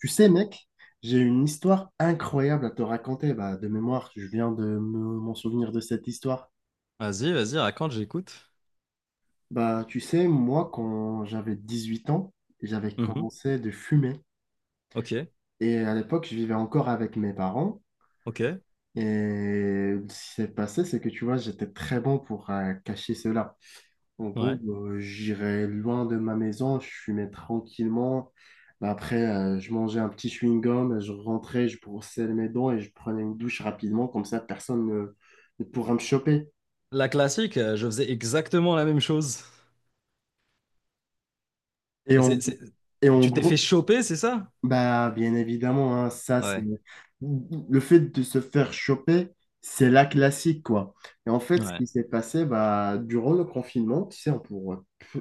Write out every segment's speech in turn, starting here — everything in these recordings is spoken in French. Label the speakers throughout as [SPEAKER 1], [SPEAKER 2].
[SPEAKER 1] Tu sais, mec, j'ai une histoire incroyable à te raconter. De mémoire, je viens de m'en souvenir de cette histoire.
[SPEAKER 2] Vas-y, vas-y, raconte, j'écoute.
[SPEAKER 1] Tu sais, moi, quand j'avais 18 ans, j'avais
[SPEAKER 2] Mhm.
[SPEAKER 1] commencé de fumer.
[SPEAKER 2] Ok,
[SPEAKER 1] Et à l'époque, je vivais encore avec mes parents.
[SPEAKER 2] ok,
[SPEAKER 1] Et ce qui s'est passé, c'est que tu vois, j'étais très bon pour cacher cela. En gros,
[SPEAKER 2] ouais.
[SPEAKER 1] j'irai loin de ma maison, je fumais tranquillement. Après, je mangeais un petit chewing-gum, je rentrais, je brossais mes dents et je prenais une douche rapidement, comme ça personne ne pourra me choper.
[SPEAKER 2] La classique, je faisais exactement la même chose.
[SPEAKER 1] Et
[SPEAKER 2] Et c'est,
[SPEAKER 1] en,
[SPEAKER 2] c'est-
[SPEAKER 1] et en
[SPEAKER 2] Tu t'es fait
[SPEAKER 1] gros,
[SPEAKER 2] choper, c'est ça?
[SPEAKER 1] bah, bien évidemment, hein, ça, c'est
[SPEAKER 2] Ouais,
[SPEAKER 1] le fait de se faire choper, c'est la classique, quoi. Et en fait, ce
[SPEAKER 2] ouais,
[SPEAKER 1] qui s'est passé, bah, durant le confinement, tu sais,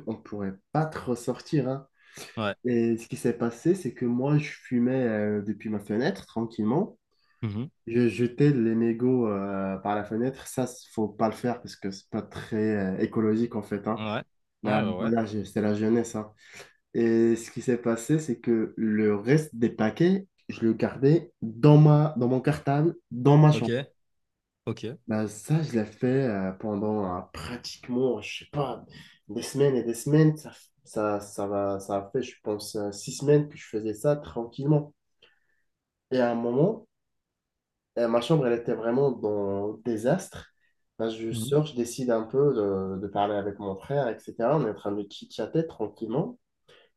[SPEAKER 1] on pourrait pas trop sortir, hein.
[SPEAKER 2] ouais.
[SPEAKER 1] Et ce qui s'est passé, c'est que moi, je fumais depuis ma fenêtre tranquillement.
[SPEAKER 2] Mhm.
[SPEAKER 1] Je jetais les mégots par la fenêtre. Ça, faut pas le faire parce que c'est pas très écologique en fait. Hein.
[SPEAKER 2] Ouais,
[SPEAKER 1] Ben,
[SPEAKER 2] ouais, ouais, ouais.
[SPEAKER 1] voilà, c'est la jeunesse, hein. Et ce qui s'est passé, c'est que le reste des paquets, je le gardais dans mon cartable, dans ma
[SPEAKER 2] Ok,
[SPEAKER 1] chambre.
[SPEAKER 2] ok.
[SPEAKER 1] Ben, ça, je l'ai fait pendant pratiquement, je sais pas, des semaines et des semaines. Ça va, ça a fait, je pense, six semaines que je faisais ça tranquillement. Et à un moment, ma chambre, elle était vraiment dans le désastre. Là, je
[SPEAKER 2] Mhm.
[SPEAKER 1] sors, je décide un peu de parler avec mon frère, etc. On est en train de chit-chatter tranquillement.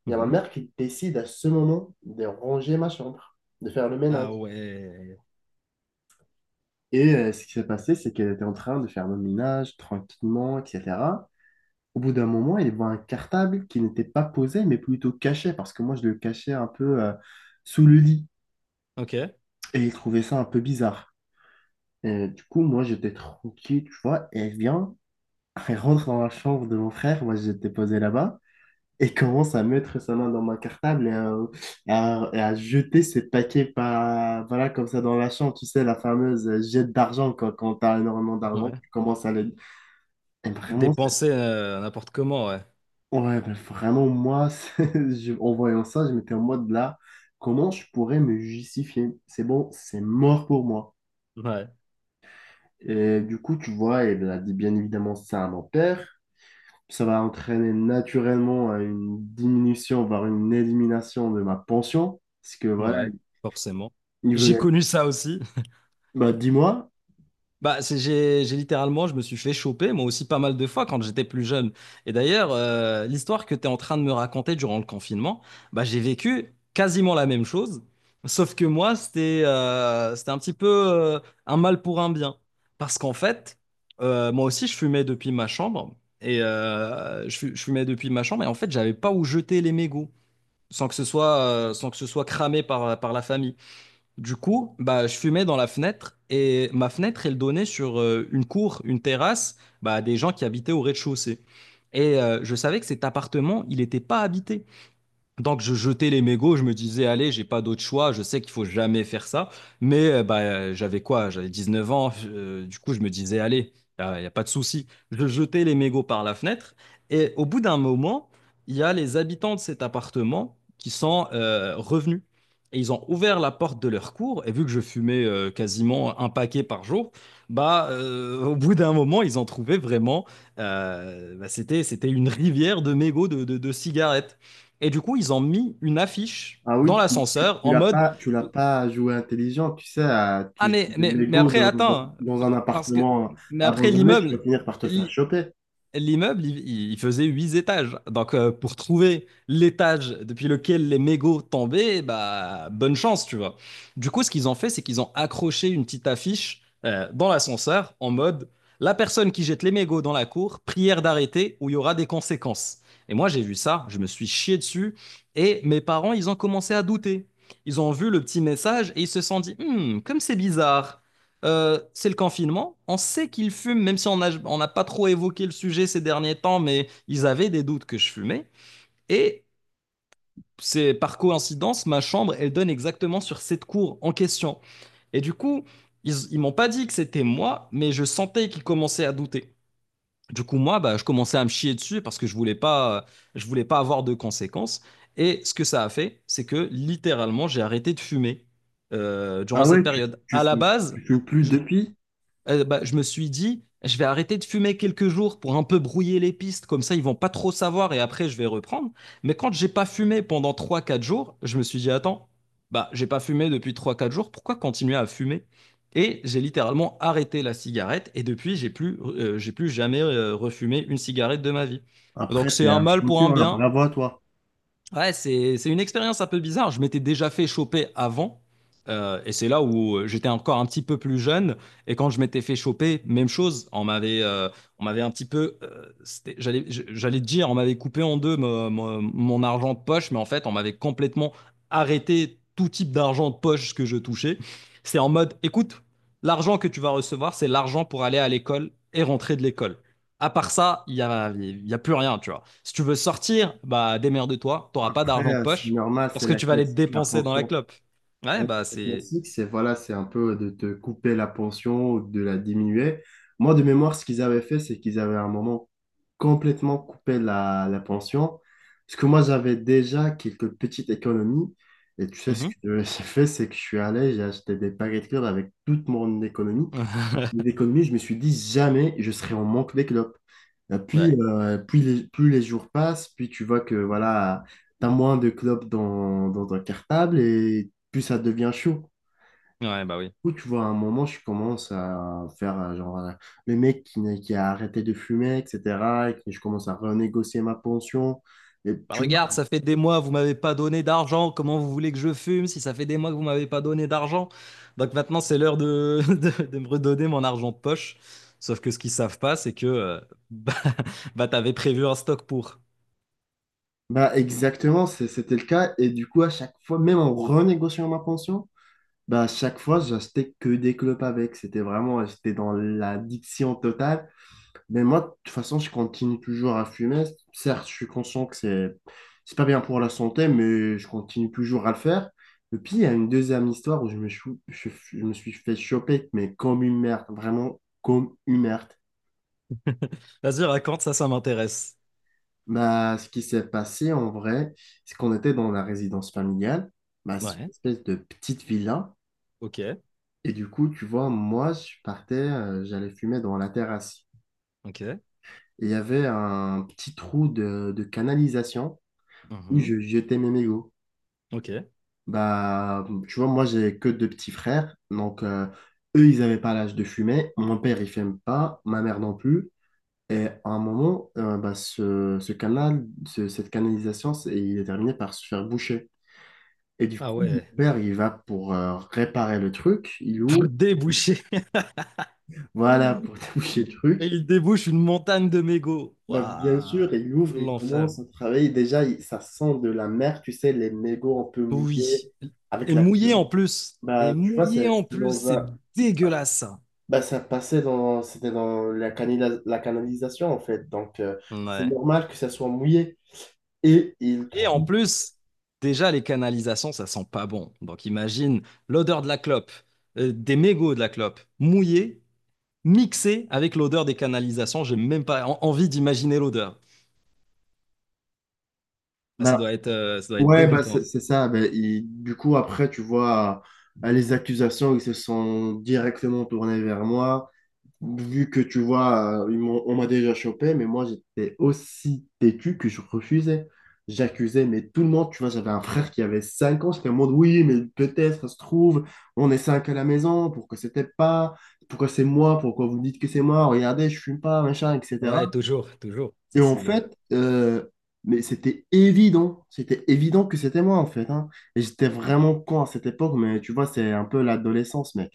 [SPEAKER 1] Il y a ma
[SPEAKER 2] Mhm.
[SPEAKER 1] mère qui décide à ce moment de ranger ma chambre, de faire le ménage.
[SPEAKER 2] Ah ouais,
[SPEAKER 1] Et ce qui s'est passé, c'est qu'elle était en train de faire le ménage tranquillement, etc. Au bout d'un moment, elle voit un cartable qui n'était pas posé, mais plutôt caché, parce que moi, je le cachais un peu sous le lit.
[SPEAKER 2] ok,
[SPEAKER 1] Et il trouvait ça un peu bizarre. Et du coup, moi, j'étais tranquille, tu vois, et elle vient, elle rentre dans la chambre de mon frère, moi j'étais posé là-bas, et commence à mettre sa main dans mon cartable et et à jeter ses paquets par, voilà, comme ça dans la chambre, tu sais, la fameuse jette d'argent, quand t'as énormément d'argent,
[SPEAKER 2] ouais.
[SPEAKER 1] tu commences à les... Et vraiment,
[SPEAKER 2] Dépenser n'importe comment, ouais.
[SPEAKER 1] ouais, mais vraiment, moi, en voyant ça, je m'étais en mode là, comment je pourrais me justifier? C'est bon, c'est mort pour moi.
[SPEAKER 2] Ouais,
[SPEAKER 1] Et du coup, tu vois, elle a dit bien évidemment ça à mon père. Ça va entraîner naturellement à une diminution, voire une élimination de ma pension. Parce que voilà,
[SPEAKER 2] ouais, forcément.
[SPEAKER 1] il
[SPEAKER 2] J'ai
[SPEAKER 1] venait,
[SPEAKER 2] connu ça aussi.
[SPEAKER 1] bah, dis-moi,
[SPEAKER 2] Bah, j'ai littéralement, je me suis fait choper, moi aussi pas mal de fois quand j'étais plus jeune. Et d'ailleurs, l'histoire que tu es en train de me raconter durant le confinement, bah, j'ai vécu quasiment la même chose, sauf que moi, c'était c'était un petit peu un mal pour un bien. Parce qu'en fait, moi aussi, je fumais depuis ma chambre, et je fumais depuis ma chambre, et en fait, j'avais pas où jeter les mégots, sans que ce soit, sans que ce soit cramé par, par la famille. Du coup, bah, je fumais dans la fenêtre et ma fenêtre, elle donnait sur une cour, une terrasse, bah, des gens qui habitaient au rez-de-chaussée. Et je savais que cet appartement, il n'était pas habité. Donc je jetais les mégots, je me disais, allez, j'ai pas d'autre choix, je sais qu'il faut jamais faire ça. Mais j'avais quoi? J'avais 19 ans, du coup je me disais, allez, il n'y a, pas de souci. Je jetais les mégots par la fenêtre et au bout d'un moment, il y a les habitants de cet appartement qui sont revenus. Et ils ont ouvert la porte de leur cour et vu que je fumais quasiment un paquet par jour, bah, au bout d'un moment, ils ont trouvé vraiment, c'était une rivière de mégots de cigarettes. Et du coup, ils ont mis une affiche
[SPEAKER 1] ah oui,
[SPEAKER 2] dans l'ascenseur en mode.
[SPEAKER 1] tu l'as pas joué intelligent, tu sais,
[SPEAKER 2] Ah,
[SPEAKER 1] tu jettes des
[SPEAKER 2] mais
[SPEAKER 1] mégots
[SPEAKER 2] après, attends,
[SPEAKER 1] dans un
[SPEAKER 2] parce que.
[SPEAKER 1] appartement
[SPEAKER 2] Mais après,
[SPEAKER 1] abandonné, tu vas
[SPEAKER 2] l'immeuble.
[SPEAKER 1] finir par te faire
[SPEAKER 2] l'i-
[SPEAKER 1] choper.
[SPEAKER 2] L'immeuble, il faisait 8 étages. Donc, pour trouver l'étage depuis lequel les mégots tombaient, bah, bonne chance, tu vois. Du coup, ce qu'ils ont fait, c'est qu'ils ont accroché une petite affiche dans l'ascenseur en mode. La personne qui jette les mégots dans la cour, prière d'arrêter ou il y aura des conséquences. Et moi, j'ai vu ça, je me suis chié dessus et mes parents, ils ont commencé à douter. Ils ont vu le petit message et ils se sont dit, Hmm, comme c'est bizarre, c'est le confinement. On sait qu'ils fument, même si on n'a pas trop évoqué le sujet ces derniers temps, mais ils avaient des doutes que je fumais. Et c'est par coïncidence, ma chambre, elle donne exactement sur cette cour en question. Et du coup, ils m'ont pas dit que c'était moi, mais je sentais qu'ils commençaient à douter. Du coup, moi, bah, je commençais à me chier dessus parce que je voulais pas avoir de conséquences. Et ce que ça a fait, c'est que littéralement, j'ai arrêté de fumer durant
[SPEAKER 1] Ah
[SPEAKER 2] cette
[SPEAKER 1] ouais,
[SPEAKER 2] période. À la
[SPEAKER 1] tu
[SPEAKER 2] base,
[SPEAKER 1] fumes plus
[SPEAKER 2] je-
[SPEAKER 1] depuis,
[SPEAKER 2] bah, je me suis dit, je vais arrêter de fumer quelques jours pour un peu brouiller les pistes, comme ça ils vont pas trop savoir et après je vais reprendre. Mais quand j'ai pas fumé pendant trois quatre jours, je me suis dit, attends, bah j'ai pas fumé depuis trois quatre jours, pourquoi continuer à fumer? Et j'ai littéralement arrêté la cigarette et depuis j'ai plus jamais refumé une cigarette de ma vie.
[SPEAKER 1] après,
[SPEAKER 2] Donc c'est
[SPEAKER 1] t'es
[SPEAKER 2] un
[SPEAKER 1] un
[SPEAKER 2] mal pour un
[SPEAKER 1] champion, là,
[SPEAKER 2] bien.
[SPEAKER 1] bravo à toi.
[SPEAKER 2] Ouais, c'est une expérience un peu bizarre. Je m'étais déjà fait choper avant, et c'est là où j'étais encore un petit peu plus jeune. Et quand je m'étais fait choper, même chose. On m'avait un petit peu, j'allais te dire, on m'avait coupé en deux mon argent de poche, mais en fait, on m'avait complètement arrêté tout type d'argent de poche que je touchais. C'est en mode, écoute, l'argent que tu vas recevoir, c'est l'argent pour aller à l'école et rentrer de l'école. À part ça, il y a plus rien, tu vois. Si tu veux sortir, bah démerde-toi, t'auras pas
[SPEAKER 1] Après,
[SPEAKER 2] d'argent de
[SPEAKER 1] c'est
[SPEAKER 2] poche
[SPEAKER 1] normal,
[SPEAKER 2] parce
[SPEAKER 1] c'est
[SPEAKER 2] que
[SPEAKER 1] la
[SPEAKER 2] tu vas aller te
[SPEAKER 1] classique, la
[SPEAKER 2] dépenser dans la
[SPEAKER 1] pension.
[SPEAKER 2] clope. Ouais,
[SPEAKER 1] Ouais,
[SPEAKER 2] bah
[SPEAKER 1] le
[SPEAKER 2] c'est...
[SPEAKER 1] classique, c'est voilà, c'est un peu de te couper la pension ou de la diminuer. Moi, de mémoire, ce qu'ils avaient fait, c'est qu'ils avaient à un moment complètement coupé la pension. Parce que moi, j'avais déjà quelques petites économies. Et tu sais, ce
[SPEAKER 2] Mhm.
[SPEAKER 1] que j'ai fait, c'est que je suis allé, j'ai acheté des paquets de clubs avec toute mon économie les économies, je me suis dit jamais je serai en manque d'éclopes. Et puis,
[SPEAKER 2] Ouais.
[SPEAKER 1] puis plus les jours passent, puis tu vois que voilà, tu as moins de clopes dans ton cartable et plus ça devient chaud.
[SPEAKER 2] Ouais, bah oui.
[SPEAKER 1] Ou tu vois, à un moment, je commence à faire genre le mec qui, qui a arrêté de fumer, etc. Et que je commence à renégocier ma pension. Et
[SPEAKER 2] Bah
[SPEAKER 1] tu vois,
[SPEAKER 2] regarde, ça fait des mois, vous m'avez pas donné d'argent, comment vous voulez que je fume si ça fait des mois que vous m'avez pas donné d'argent? Donc maintenant, c'est l'heure de, de me redonner mon argent de poche. Sauf que ce qu'ils savent pas, c'est que bah, bah, t'avais prévu un stock pour.
[SPEAKER 1] bah exactement, c'était le cas. Et du coup, à chaque fois, même en renégociant ma pension, bah, chaque fois, j'achetais que des clopes avec. C'était vraiment, j'étais dans l'addiction totale. Mais moi, de toute façon, je continue toujours à fumer. Certes, je suis conscient que c'est pas bien pour la santé, mais je continue toujours à le faire. Et puis, il y a une deuxième histoire où je me suis fait choper, mais comme une merde, vraiment comme une merde.
[SPEAKER 2] Vas-y, raconte, ça m'intéresse.
[SPEAKER 1] Bah, ce qui s'est passé en vrai, c'est qu'on était dans la résidence familiale. Bah, c'est une
[SPEAKER 2] Ouais,
[SPEAKER 1] espèce de petite villa.
[SPEAKER 2] ok,
[SPEAKER 1] Et du coup, tu vois, moi, je partais, j'allais fumer dans la terrasse.
[SPEAKER 2] ok.
[SPEAKER 1] Et il y avait un petit trou de canalisation où
[SPEAKER 2] Mhm.
[SPEAKER 1] je jetais mes mégots.
[SPEAKER 2] Ok.
[SPEAKER 1] Bah, tu vois, moi, j'ai que deux petits frères. Donc, eux, ils n'avaient pas l'âge de fumer. Mon père, il fume pas. Ma mère non plus. Et à un moment, bah, ce canal, cette canalisation, il est terminé par se faire boucher. Et du
[SPEAKER 2] Ah
[SPEAKER 1] coup, mon
[SPEAKER 2] ouais.
[SPEAKER 1] père, il va pour réparer le truc. Il ouvre.
[SPEAKER 2] Pour déboucher.
[SPEAKER 1] Voilà, pour déboucher le
[SPEAKER 2] Et
[SPEAKER 1] truc.
[SPEAKER 2] il débouche une montagne de mégots.
[SPEAKER 1] Bah, bien
[SPEAKER 2] Waouh.
[SPEAKER 1] sûr, il ouvre, il
[SPEAKER 2] L'enfer.
[SPEAKER 1] commence à travailler. Déjà, ça sent de la mer, tu sais, les mégots un peu
[SPEAKER 2] Oui.
[SPEAKER 1] mouillés avec
[SPEAKER 2] Et
[SPEAKER 1] la
[SPEAKER 2] mouillé
[SPEAKER 1] pluie.
[SPEAKER 2] en plus. Et
[SPEAKER 1] Bah, tu vois,
[SPEAKER 2] mouillé en
[SPEAKER 1] c'était
[SPEAKER 2] plus.
[SPEAKER 1] dans
[SPEAKER 2] C'est
[SPEAKER 1] un...
[SPEAKER 2] dégueulasse. Ça.
[SPEAKER 1] bah, ça passait dans, c'était dans la, la canalisation, en fait. Donc, c'est
[SPEAKER 2] Ouais.
[SPEAKER 1] normal que ça soit mouillé. Et il
[SPEAKER 2] Et
[SPEAKER 1] trouve.
[SPEAKER 2] en plus, déjà, les canalisations, ça sent pas bon. Donc imagine l'odeur de la clope, des mégots de la clope, mouillés, mixés avec l'odeur des canalisations. J'ai même pas envie d'imaginer l'odeur. Ah,
[SPEAKER 1] Bah,
[SPEAKER 2] ça doit être
[SPEAKER 1] ouais, bah,
[SPEAKER 2] dégoûtant.
[SPEAKER 1] c'est ça. Bah, du coup, après, tu vois, les accusations, ils se sont directement tournés vers moi. Vu que tu vois, on m'a déjà chopé, mais moi j'étais aussi têtu que je refusais. J'accusais, mais tout le monde, tu vois, j'avais un frère qui avait 5 ans, j'étais en mode oui, mais peut-être, ça se trouve, on est 5 à la maison, pourquoi c'était pas, pourquoi c'est moi, pourquoi vous dites que c'est moi, regardez, je fume pas, machin, etc.
[SPEAKER 2] Ouais, toujours, toujours.
[SPEAKER 1] Et
[SPEAKER 2] Ça,
[SPEAKER 1] en
[SPEAKER 2] c'est le.
[SPEAKER 1] fait, mais c'était évident que c'était moi en fait, hein. Et j'étais vraiment con à cette époque, mais tu vois, c'est un peu l'adolescence, mec.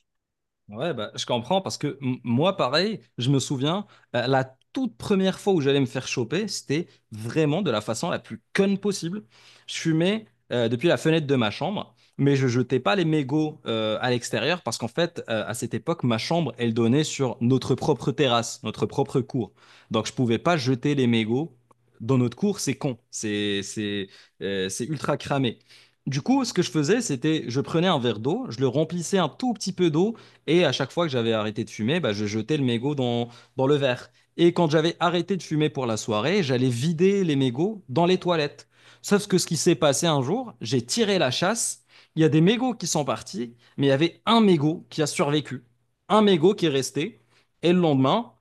[SPEAKER 2] Ouais, bah, je comprends parce que moi, pareil, je me souviens, la toute première fois où j'allais me faire choper, c'était vraiment de la façon la plus conne possible. Je fumais depuis la fenêtre de ma chambre, mais je jetais pas les mégots à l'extérieur parce qu'en fait, à cette époque, ma chambre, elle donnait sur notre propre terrasse, notre propre cour. Donc, je pouvais pas jeter les mégots dans notre cour, c'est ultra cramé. Du coup, ce que je faisais, c'était je prenais un verre d'eau, je le remplissais un tout petit peu d'eau et à chaque fois que j'avais arrêté de fumer, bah, je jetais le mégot dans le verre. Et quand j'avais arrêté de fumer pour la soirée, j'allais vider les mégots dans les toilettes. Sauf que ce qui s'est passé un jour, j'ai tiré la chasse. Il y a des mégots qui sont partis, mais il y avait un mégot qui a survécu. Un mégot qui est resté. Et le lendemain,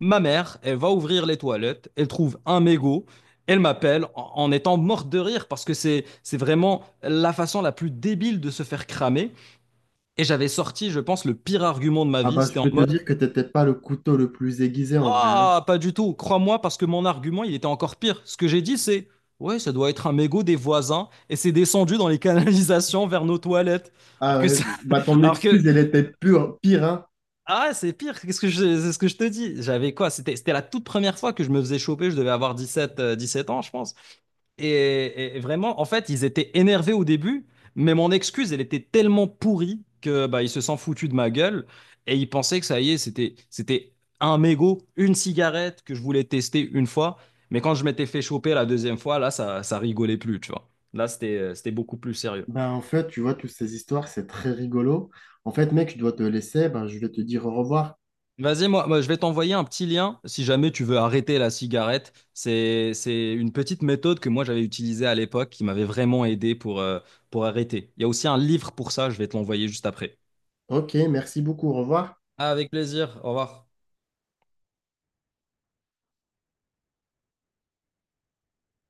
[SPEAKER 2] ma mère, elle va ouvrir les toilettes, elle trouve un mégot, elle m'appelle en étant morte de rire parce que c'est vraiment la façon la plus débile de se faire cramer. Et j'avais sorti, je pense, le pire argument de ma
[SPEAKER 1] Ah
[SPEAKER 2] vie.
[SPEAKER 1] bah, je
[SPEAKER 2] C'était en
[SPEAKER 1] peux te
[SPEAKER 2] mode.
[SPEAKER 1] dire que t'étais pas le couteau le plus aiguisé en vrai.
[SPEAKER 2] Ah, pas du tout, crois-moi, parce que mon argument, il était encore pire. Ce que j'ai dit, c'est. Ouais, ça doit être un mégot des voisins et c'est descendu dans les canalisations vers nos toilettes. Alors
[SPEAKER 1] Ah
[SPEAKER 2] que,
[SPEAKER 1] ouais,
[SPEAKER 2] ça-
[SPEAKER 1] bah ton
[SPEAKER 2] alors que.
[SPEAKER 1] excuse, elle était pure, pire, hein.
[SPEAKER 2] Ah, c'est pire, qu'est-ce que je... c'est ce que je te dis. J'avais quoi? C'était la toute première fois que je me faisais choper, je devais avoir 7 ans, je pense. Et vraiment, en fait, ils étaient énervés au début, mais mon excuse, elle était tellement pourrie que bah, ils se sont foutus de ma gueule et ils pensaient que ça y est, c'était un mégot, une cigarette que je voulais tester une fois. Mais quand je m'étais fait choper la deuxième fois, là, ça rigolait plus, tu vois. Là, c'était, c'était beaucoup plus sérieux.
[SPEAKER 1] Bah en fait, tu vois, toutes ces histoires, c'est très rigolo. En fait, mec, je dois te laisser. Ben, je vais te dire au revoir.
[SPEAKER 2] Vas-y, moi, je vais t'envoyer un petit lien si jamais tu veux arrêter la cigarette. C'est une petite méthode que moi j'avais utilisée à l'époque qui m'avait vraiment aidé pour arrêter. Il y a aussi un livre pour ça, je vais te l'envoyer juste après.
[SPEAKER 1] Ok, merci beaucoup, au revoir.
[SPEAKER 2] Ah, avec plaisir, au revoir.